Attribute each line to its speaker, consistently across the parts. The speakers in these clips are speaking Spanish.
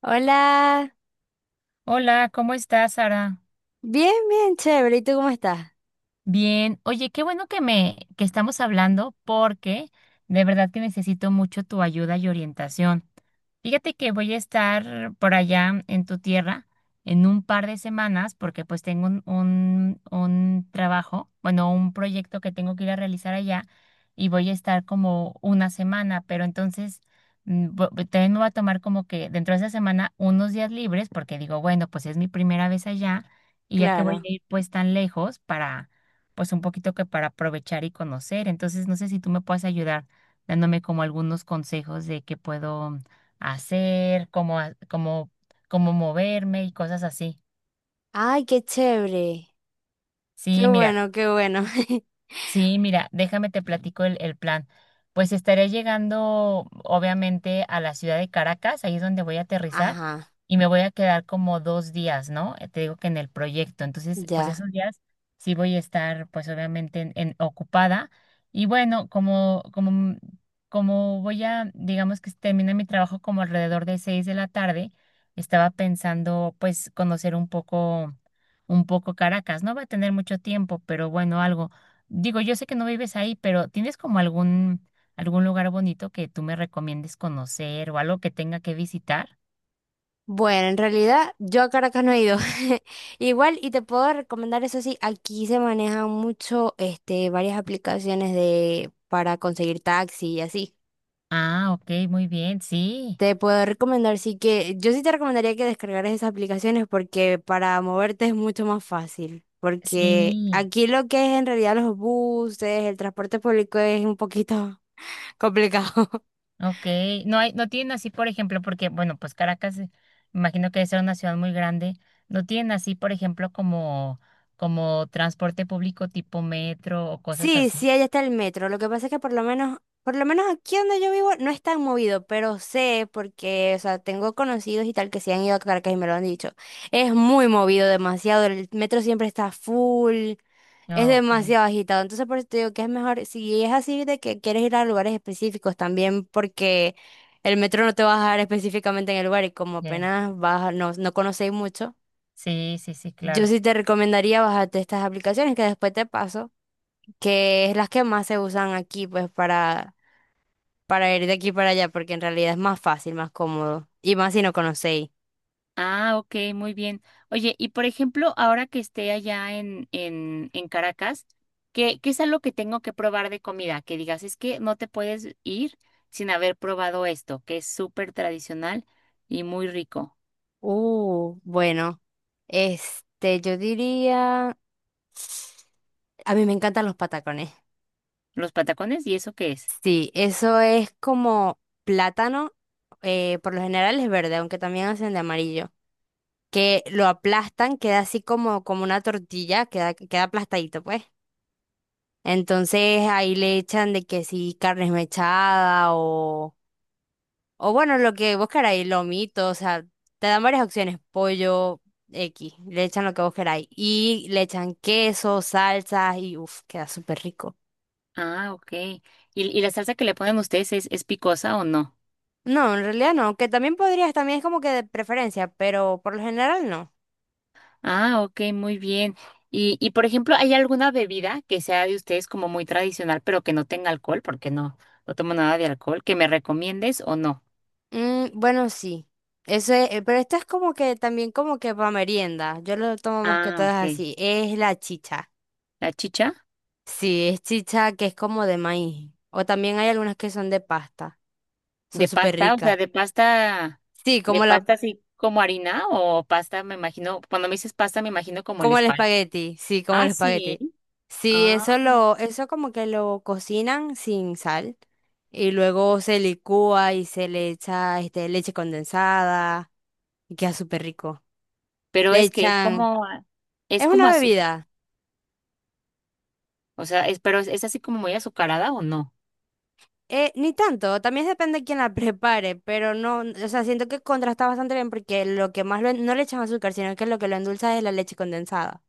Speaker 1: Hola,
Speaker 2: Hola, ¿cómo estás, Sara?
Speaker 1: bien, bien, chévere. ¿Y tú cómo estás?
Speaker 2: Bien. Oye, qué bueno que me que estamos hablando porque de verdad que necesito mucho tu ayuda y orientación. Fíjate que voy a estar por allá en tu tierra en un par de semanas porque pues tengo un trabajo, bueno, un proyecto que tengo que ir a realizar allá y voy a estar como una semana, pero entonces también me voy a tomar como que dentro de esa semana unos días libres porque digo, bueno, pues es mi primera vez allá y ya que voy
Speaker 1: Claro.
Speaker 2: a ir pues tan lejos para pues un poquito que para aprovechar y conocer. Entonces no sé si tú me puedes ayudar dándome como algunos consejos de que puedo hacer, cómo, cómo, cómo moverme y cosas así.
Speaker 1: Ay, qué chévere. Qué
Speaker 2: Sí, mira.
Speaker 1: bueno, qué bueno.
Speaker 2: Sí, mira, déjame te platico el plan. Pues estaré llegando, obviamente, a la ciudad de Caracas, ahí es donde voy a aterrizar,
Speaker 1: Ajá,
Speaker 2: y me voy a quedar como 2 días, ¿no? Te digo que en el proyecto. Entonces, pues
Speaker 1: ya.
Speaker 2: esos días sí voy a estar, pues obviamente, ocupada. Y bueno, como voy a, digamos que termina mi trabajo como alrededor de 6 de la tarde, estaba pensando, pues, conocer un poco Caracas. No va a tener mucho tiempo, pero bueno, algo. Digo, yo sé que no vives ahí, pero ¿tienes como algún, algún lugar bonito que tú me recomiendes conocer o algo que tenga que visitar?
Speaker 1: Bueno, en realidad yo a Caracas no he ido. Igual, y te puedo recomendar eso sí, aquí se manejan mucho, varias aplicaciones de para conseguir taxi y así.
Speaker 2: Ah, ok, muy bien, sí,
Speaker 1: Te puedo recomendar, sí que yo sí te recomendaría que descargaras esas aplicaciones porque para moverte es mucho más fácil. Porque
Speaker 2: sí,
Speaker 1: aquí lo que es en realidad los buses, el transporte público es un poquito complicado.
Speaker 2: ok. No hay, no tienen así, por ejemplo, porque, bueno, pues Caracas, imagino que debe ser una ciudad muy grande. No tienen así, por ejemplo, como, como transporte público tipo metro o cosas
Speaker 1: Sí,
Speaker 2: así.
Speaker 1: sí, allá está el metro. Lo que pasa es que por lo menos aquí donde yo vivo no es tan movido, pero sé porque, o sea, tengo conocidos y tal que se han ido a Caracas y me lo han dicho. Es muy movido, demasiado. El metro siempre está full. Es
Speaker 2: Ah, ok,
Speaker 1: demasiado agitado, entonces por eso te digo que es mejor, si es así de que quieres ir a lugares específicos también, porque el metro no te va a dejar específicamente en el lugar y como
Speaker 2: ok.
Speaker 1: apenas vas, no, no conocéis mucho,
Speaker 2: Sí, sí, sí,
Speaker 1: yo
Speaker 2: claro.
Speaker 1: sí te recomendaría bajarte estas aplicaciones que después te paso, que es las que más se usan aquí, pues para ir de aquí para allá, porque en realidad es más fácil, más cómodo, y más si no conocéis.
Speaker 2: Ah, ok, muy bien. Oye, y por ejemplo, ahora que esté allá en Caracas, ¿qué, qué es algo que tengo que probar de comida? Que digas, es que no te puedes ir sin haber probado esto, que es súper tradicional y muy rico.
Speaker 1: Bueno, yo diría, a mí me encantan los patacones.
Speaker 2: ¿Los patacones? ¿Y eso qué es?
Speaker 1: Sí, eso es como plátano, por lo general es verde, aunque también hacen de amarillo, que lo aplastan, queda así como, como una tortilla, queda, queda aplastadito, pues. Entonces ahí le echan de que sí, carne esmechada o bueno, lo que vos queráis, lomito, o sea, te dan varias opciones, pollo, X, le echan lo que vos queráis. Y le echan queso, salsas y uff, queda súper rico.
Speaker 2: Ah, ok. Y la salsa que le ponen ustedes es picosa o no?
Speaker 1: No, en realidad no, que también podrías, también es como que de preferencia, pero por lo general no.
Speaker 2: Ah, ok, muy bien. Y por ejemplo, ¿hay alguna bebida que sea de ustedes como muy tradicional, pero que no tenga alcohol? Porque no, no tomo nada de alcohol, ¿que me recomiendes o no?
Speaker 1: Mm, bueno, sí. Eso es, pero esto es como que también como que para merienda. Yo lo tomo más que
Speaker 2: Ah,
Speaker 1: todas
Speaker 2: ok.
Speaker 1: así. Es la chicha.
Speaker 2: La chicha
Speaker 1: Sí, es chicha que es como de maíz. O también hay algunas que son de pasta. Son
Speaker 2: de
Speaker 1: súper
Speaker 2: pasta, o sea,
Speaker 1: ricas. Sí,
Speaker 2: de
Speaker 1: como la.
Speaker 2: pasta así como harina o pasta, me imagino, cuando me dices pasta, me imagino como el
Speaker 1: Como el
Speaker 2: espal.
Speaker 1: espagueti, sí, como
Speaker 2: Ah,
Speaker 1: el
Speaker 2: sí.
Speaker 1: espagueti. Sí,
Speaker 2: Ah,
Speaker 1: eso lo, eso como que lo cocinan sin sal y luego se licúa y se le echa leche condensada y queda súper rico.
Speaker 2: pero
Speaker 1: Le
Speaker 2: es que
Speaker 1: echan,
Speaker 2: es
Speaker 1: es
Speaker 2: como
Speaker 1: una
Speaker 2: azúcar,
Speaker 1: bebida,
Speaker 2: o sea, es, pero es así como muy azucarada o no.
Speaker 1: ni tanto, también depende de quién la prepare, pero no, o sea, siento que contrasta bastante bien porque lo que más lo en- no le echan azúcar, sino que lo endulza es la leche condensada.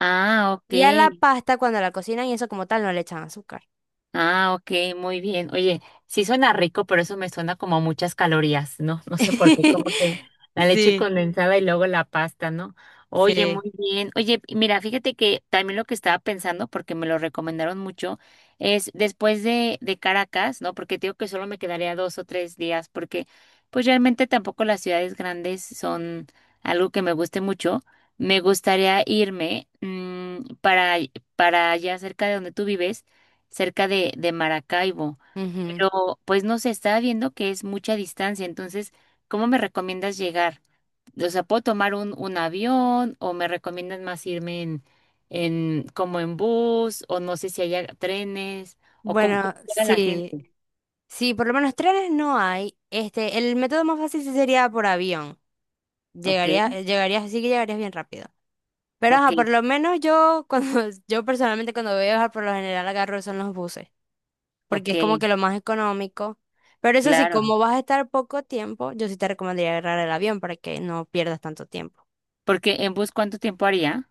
Speaker 2: Ah, ok.
Speaker 1: Y a la pasta cuando la cocinan y eso como tal no le echan azúcar.
Speaker 2: Ah, ok, muy bien. Oye, sí suena rico, pero eso me suena como a muchas calorías, ¿no? No sé por qué, como que la leche
Speaker 1: Sí.
Speaker 2: condensada y luego la pasta, ¿no? Oye,
Speaker 1: Sí.
Speaker 2: muy bien. Oye, y mira, fíjate que también lo que estaba pensando, porque me lo recomendaron mucho, es después de Caracas, ¿no? Porque te digo que solo me quedaría 2 o 3 días, porque pues realmente tampoco las ciudades grandes son algo que me guste mucho. Me gustaría irme para allá cerca de donde tú vives, cerca de Maracaibo,
Speaker 1: Ujú.
Speaker 2: pero pues no se está viendo que es mucha distancia. Entonces, ¿cómo me recomiendas llegar? O sea, ¿puedo tomar un avión o me recomiendas más irme en como en bus o no sé si haya trenes o cómo,
Speaker 1: Bueno,
Speaker 2: cómo llega la
Speaker 1: sí,
Speaker 2: gente?
Speaker 1: sí, por lo menos trenes no hay. El método más fácil sí sería por avión.
Speaker 2: Ok,
Speaker 1: Llegarías, llegarías, sí que llegarías bien rápido. Pero
Speaker 2: ok,
Speaker 1: ajá, por lo menos yo, cuando, yo personalmente cuando voy a viajar por lo general agarro son los buses, porque
Speaker 2: ok,
Speaker 1: es como que lo más económico. Pero eso sí,
Speaker 2: claro.
Speaker 1: como vas a estar poco tiempo, yo sí te recomendaría agarrar el avión para que no pierdas tanto tiempo.
Speaker 2: Porque en bus, ¿cuánto tiempo haría?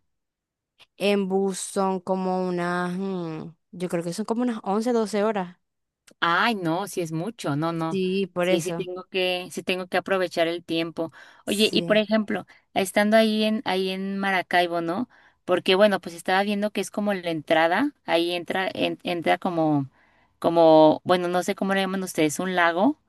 Speaker 1: En bus son como unas, yo creo que son como unas 11 12 horas.
Speaker 2: Ay, no, sí es mucho, no, no.
Speaker 1: Sí, por
Speaker 2: Sí,
Speaker 1: eso.
Speaker 2: sí tengo que aprovechar el tiempo. Oye, y por
Speaker 1: Sí.
Speaker 2: ejemplo, estando ahí ahí en Maracaibo, ¿no? Porque bueno, pues estaba viendo que es como la entrada, ahí entra, entra como, como, bueno, no sé cómo le llaman ustedes, un lago,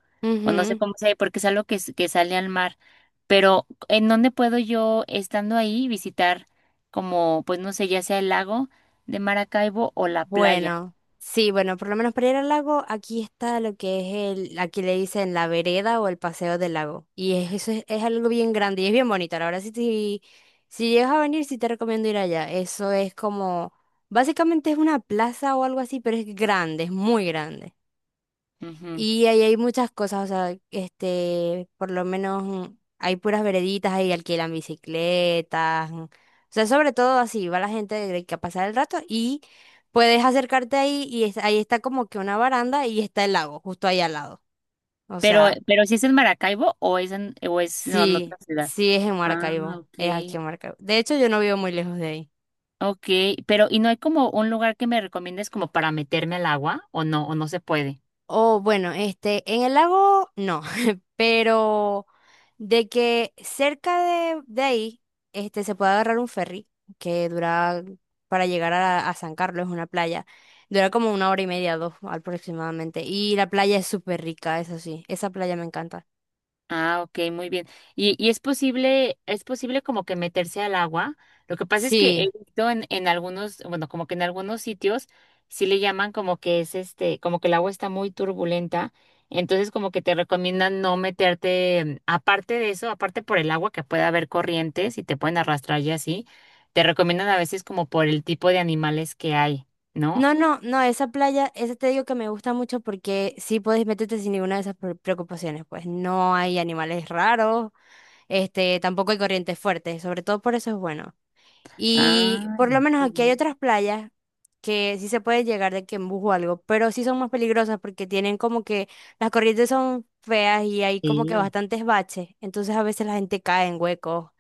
Speaker 2: o no sé cómo se porque es algo que, que sale al mar. Pero ¿en dónde puedo yo, estando ahí, visitar como, pues no sé, ya sea el lago de Maracaibo o la playa?
Speaker 1: Bueno, sí, bueno, por lo menos para ir al lago, aquí está lo que es el, aquí le dicen la vereda o el paseo del lago. Y es- eso es algo bien grande y es bien bonito. Ahora sí, si, si llegas a venir, sí te recomiendo ir allá. Eso es como, básicamente es una plaza o algo así, pero es grande, es muy grande.
Speaker 2: Ujú.
Speaker 1: Y ahí hay muchas cosas, o sea, por lo menos hay puras vereditas, ahí alquilan bicicletas, O sea, sobre todo así, va la gente de que a pasar el rato y puedes acercarte ahí y es- ahí está como que una baranda y está el lago, justo ahí al lado. O sea,
Speaker 2: Pero si es en Maracaibo o es en, o es no, en otra
Speaker 1: sí,
Speaker 2: ciudad.
Speaker 1: sí es en
Speaker 2: Ah,
Speaker 1: Maracaibo, es aquí
Speaker 2: ok.
Speaker 1: en Maracaibo. De hecho, yo no vivo muy lejos de ahí.
Speaker 2: Ok, pero ¿y no hay como un lugar que me recomiendes como para meterme al agua o no se puede?
Speaker 1: O bueno, en el lago no, pero de que cerca de ahí se puede agarrar un ferry que dura para llegar a San Carlos, es una playa. Dura como una hora y media, dos aproximadamente. Y la playa es súper rica, eso sí. Esa playa me encanta.
Speaker 2: Ah, ok, muy bien. Y es posible, ¿es posible como que meterse al agua? Lo que pasa es que he
Speaker 1: Sí.
Speaker 2: visto en algunos, bueno, como que en algunos sitios sí le llaman como que es este, como que el agua está muy turbulenta. Entonces como que te recomiendan no meterte. Aparte de eso, aparte por el agua que puede haber corrientes y te pueden arrastrar y así, te recomiendan a veces como por el tipo de animales que hay, ¿no?
Speaker 1: No, no, no, esa playa, esa te digo que me gusta mucho porque sí podés meterte sin ninguna de esas pre- preocupaciones. Pues no hay animales raros, tampoco hay corrientes fuertes. Sobre todo por eso es bueno. Y
Speaker 2: Ah,
Speaker 1: por lo menos
Speaker 2: muy
Speaker 1: aquí hay
Speaker 2: bien.
Speaker 1: otras playas que sí se puede llegar de que en bus o algo, pero sí son más peligrosas porque tienen como que las corrientes son feas y hay como que
Speaker 2: Sí,
Speaker 1: bastantes baches, entonces a veces la gente cae en huecos.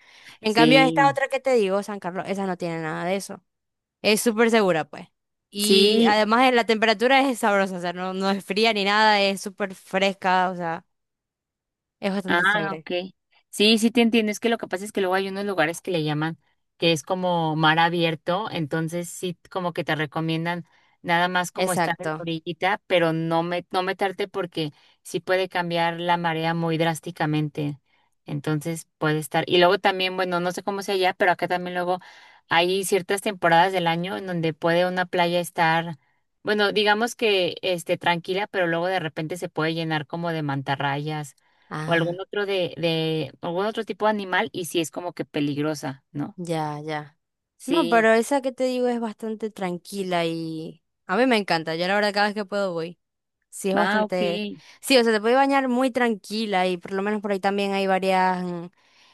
Speaker 1: En cambio, esta
Speaker 2: sí.
Speaker 1: otra que te digo, San Carlos, esa no tiene nada de eso. Es súper segura, pues. Y
Speaker 2: Sí,
Speaker 1: además la temperatura es sabrosa, o sea, no, no es fría ni nada, es súper fresca, o sea, es bastante
Speaker 2: ah,
Speaker 1: chévere.
Speaker 2: ok. Sí, sí te entiendo. Es que lo que pasa es que luego hay unos lugares que le llaman que es como mar abierto, entonces sí como que te recomiendan nada más como estar en la
Speaker 1: Exacto.
Speaker 2: orillita, pero no meterte porque sí puede cambiar la marea muy drásticamente. Entonces puede estar. Y luego también, bueno, no sé cómo sea allá, pero acá también luego hay ciertas temporadas del año en donde puede una playa estar, bueno, digamos que este tranquila, pero luego de repente se puede llenar como de mantarrayas o
Speaker 1: Ah,
Speaker 2: algún otro de algún otro tipo de animal y si es como que peligrosa, ¿no?
Speaker 1: ya, ya. No,
Speaker 2: Sí.
Speaker 1: pero esa que te digo es bastante tranquila y a mí me encanta. Yo la verdad cada vez que puedo voy. Sí, es
Speaker 2: Ah, ok.
Speaker 1: bastante... Sí, o sea, te puedes bañar muy tranquila y por lo menos por ahí también hay varias...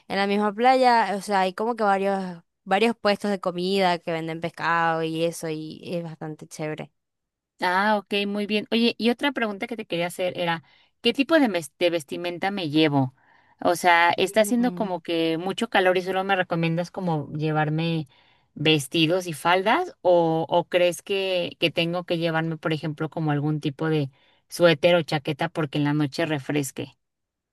Speaker 1: en la misma playa, o sea, hay como que varios puestos de comida que venden pescado y eso y es bastante chévere.
Speaker 2: Ah, ok, muy bien. Oye, y otra pregunta que te quería hacer era, ¿qué tipo de, de vestimenta me llevo? O sea, ¿está haciendo como que mucho calor y solo me recomiendas como llevarme vestidos y faldas o crees que tengo que llevarme, por ejemplo, como algún tipo de suéter o chaqueta porque en la noche refresque?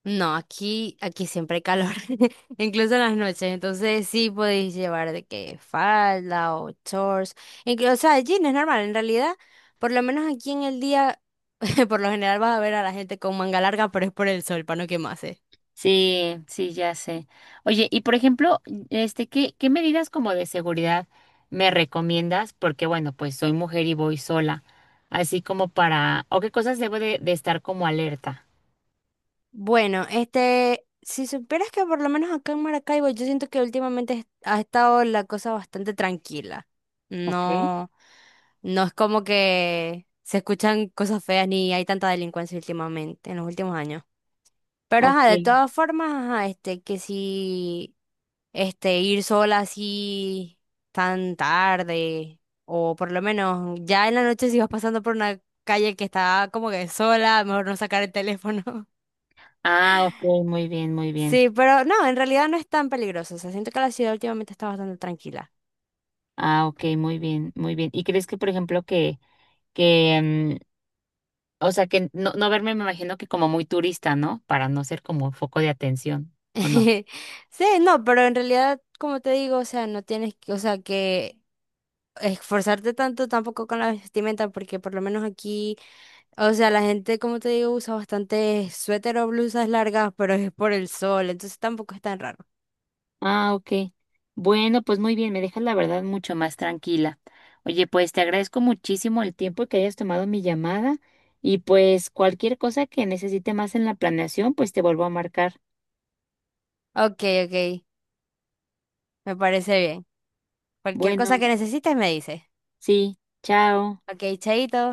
Speaker 1: No, aquí, aquí siempre hay calor, incluso en las noches. Entonces sí podéis llevar de que falda o shorts. Incluso, o sea, jeans es normal. En realidad, por lo menos aquí en el día, por lo general vas a ver a la gente con manga larga, pero es por el sol, para no quemarse.
Speaker 2: Sí, sí, ya sé. Oye, y por ejemplo, este, ¿qué, qué medidas como de seguridad me recomiendas? Porque bueno, pues soy mujer y voy sola, así como para, o qué cosas debo de estar como alerta.
Speaker 1: Bueno, si supieras que por lo menos acá en Maracaibo, yo siento que últimamente es- ha estado la cosa bastante tranquila.
Speaker 2: Ok,
Speaker 1: No, no es como que se escuchan cosas feas ni hay tanta delincuencia últimamente, en los últimos años. Pero
Speaker 2: ok.
Speaker 1: ajá, de todas formas, ajá, que si ir sola así tan tarde, o por lo menos ya en la noche si vas pasando por una calle que está como que sola, mejor no sacar el teléfono.
Speaker 2: Ah, ok, muy bien, muy bien.
Speaker 1: Sí, pero no, en realidad no es tan peligroso. O sea, siento que la ciudad últimamente está bastante tranquila.
Speaker 2: Ah, ok, muy bien, muy bien. ¿Y crees que, por ejemplo, que, o sea, que no, no verme, me imagino que como muy turista, ¿no? Para no ser como foco de atención, ¿o no?
Speaker 1: Sí, no, pero en realidad, como te digo, o sea, no tienes que, o sea, que esforzarte tanto tampoco con la vestimenta, porque por lo menos aquí. O sea, la gente, como te digo, usa bastante suéter o blusas largas, pero es por el sol, entonces tampoco es tan raro.
Speaker 2: Ah, ok. Bueno, pues muy bien, me dejas la verdad mucho más tranquila. Oye, pues te agradezco muchísimo el tiempo que hayas tomado mi llamada y pues cualquier cosa que necesite más en la planeación, pues te vuelvo a marcar.
Speaker 1: Ok, ok, me parece bien. Cualquier
Speaker 2: Bueno,
Speaker 1: cosa que necesites me dices.
Speaker 2: sí, chao.
Speaker 1: Ok, chaito.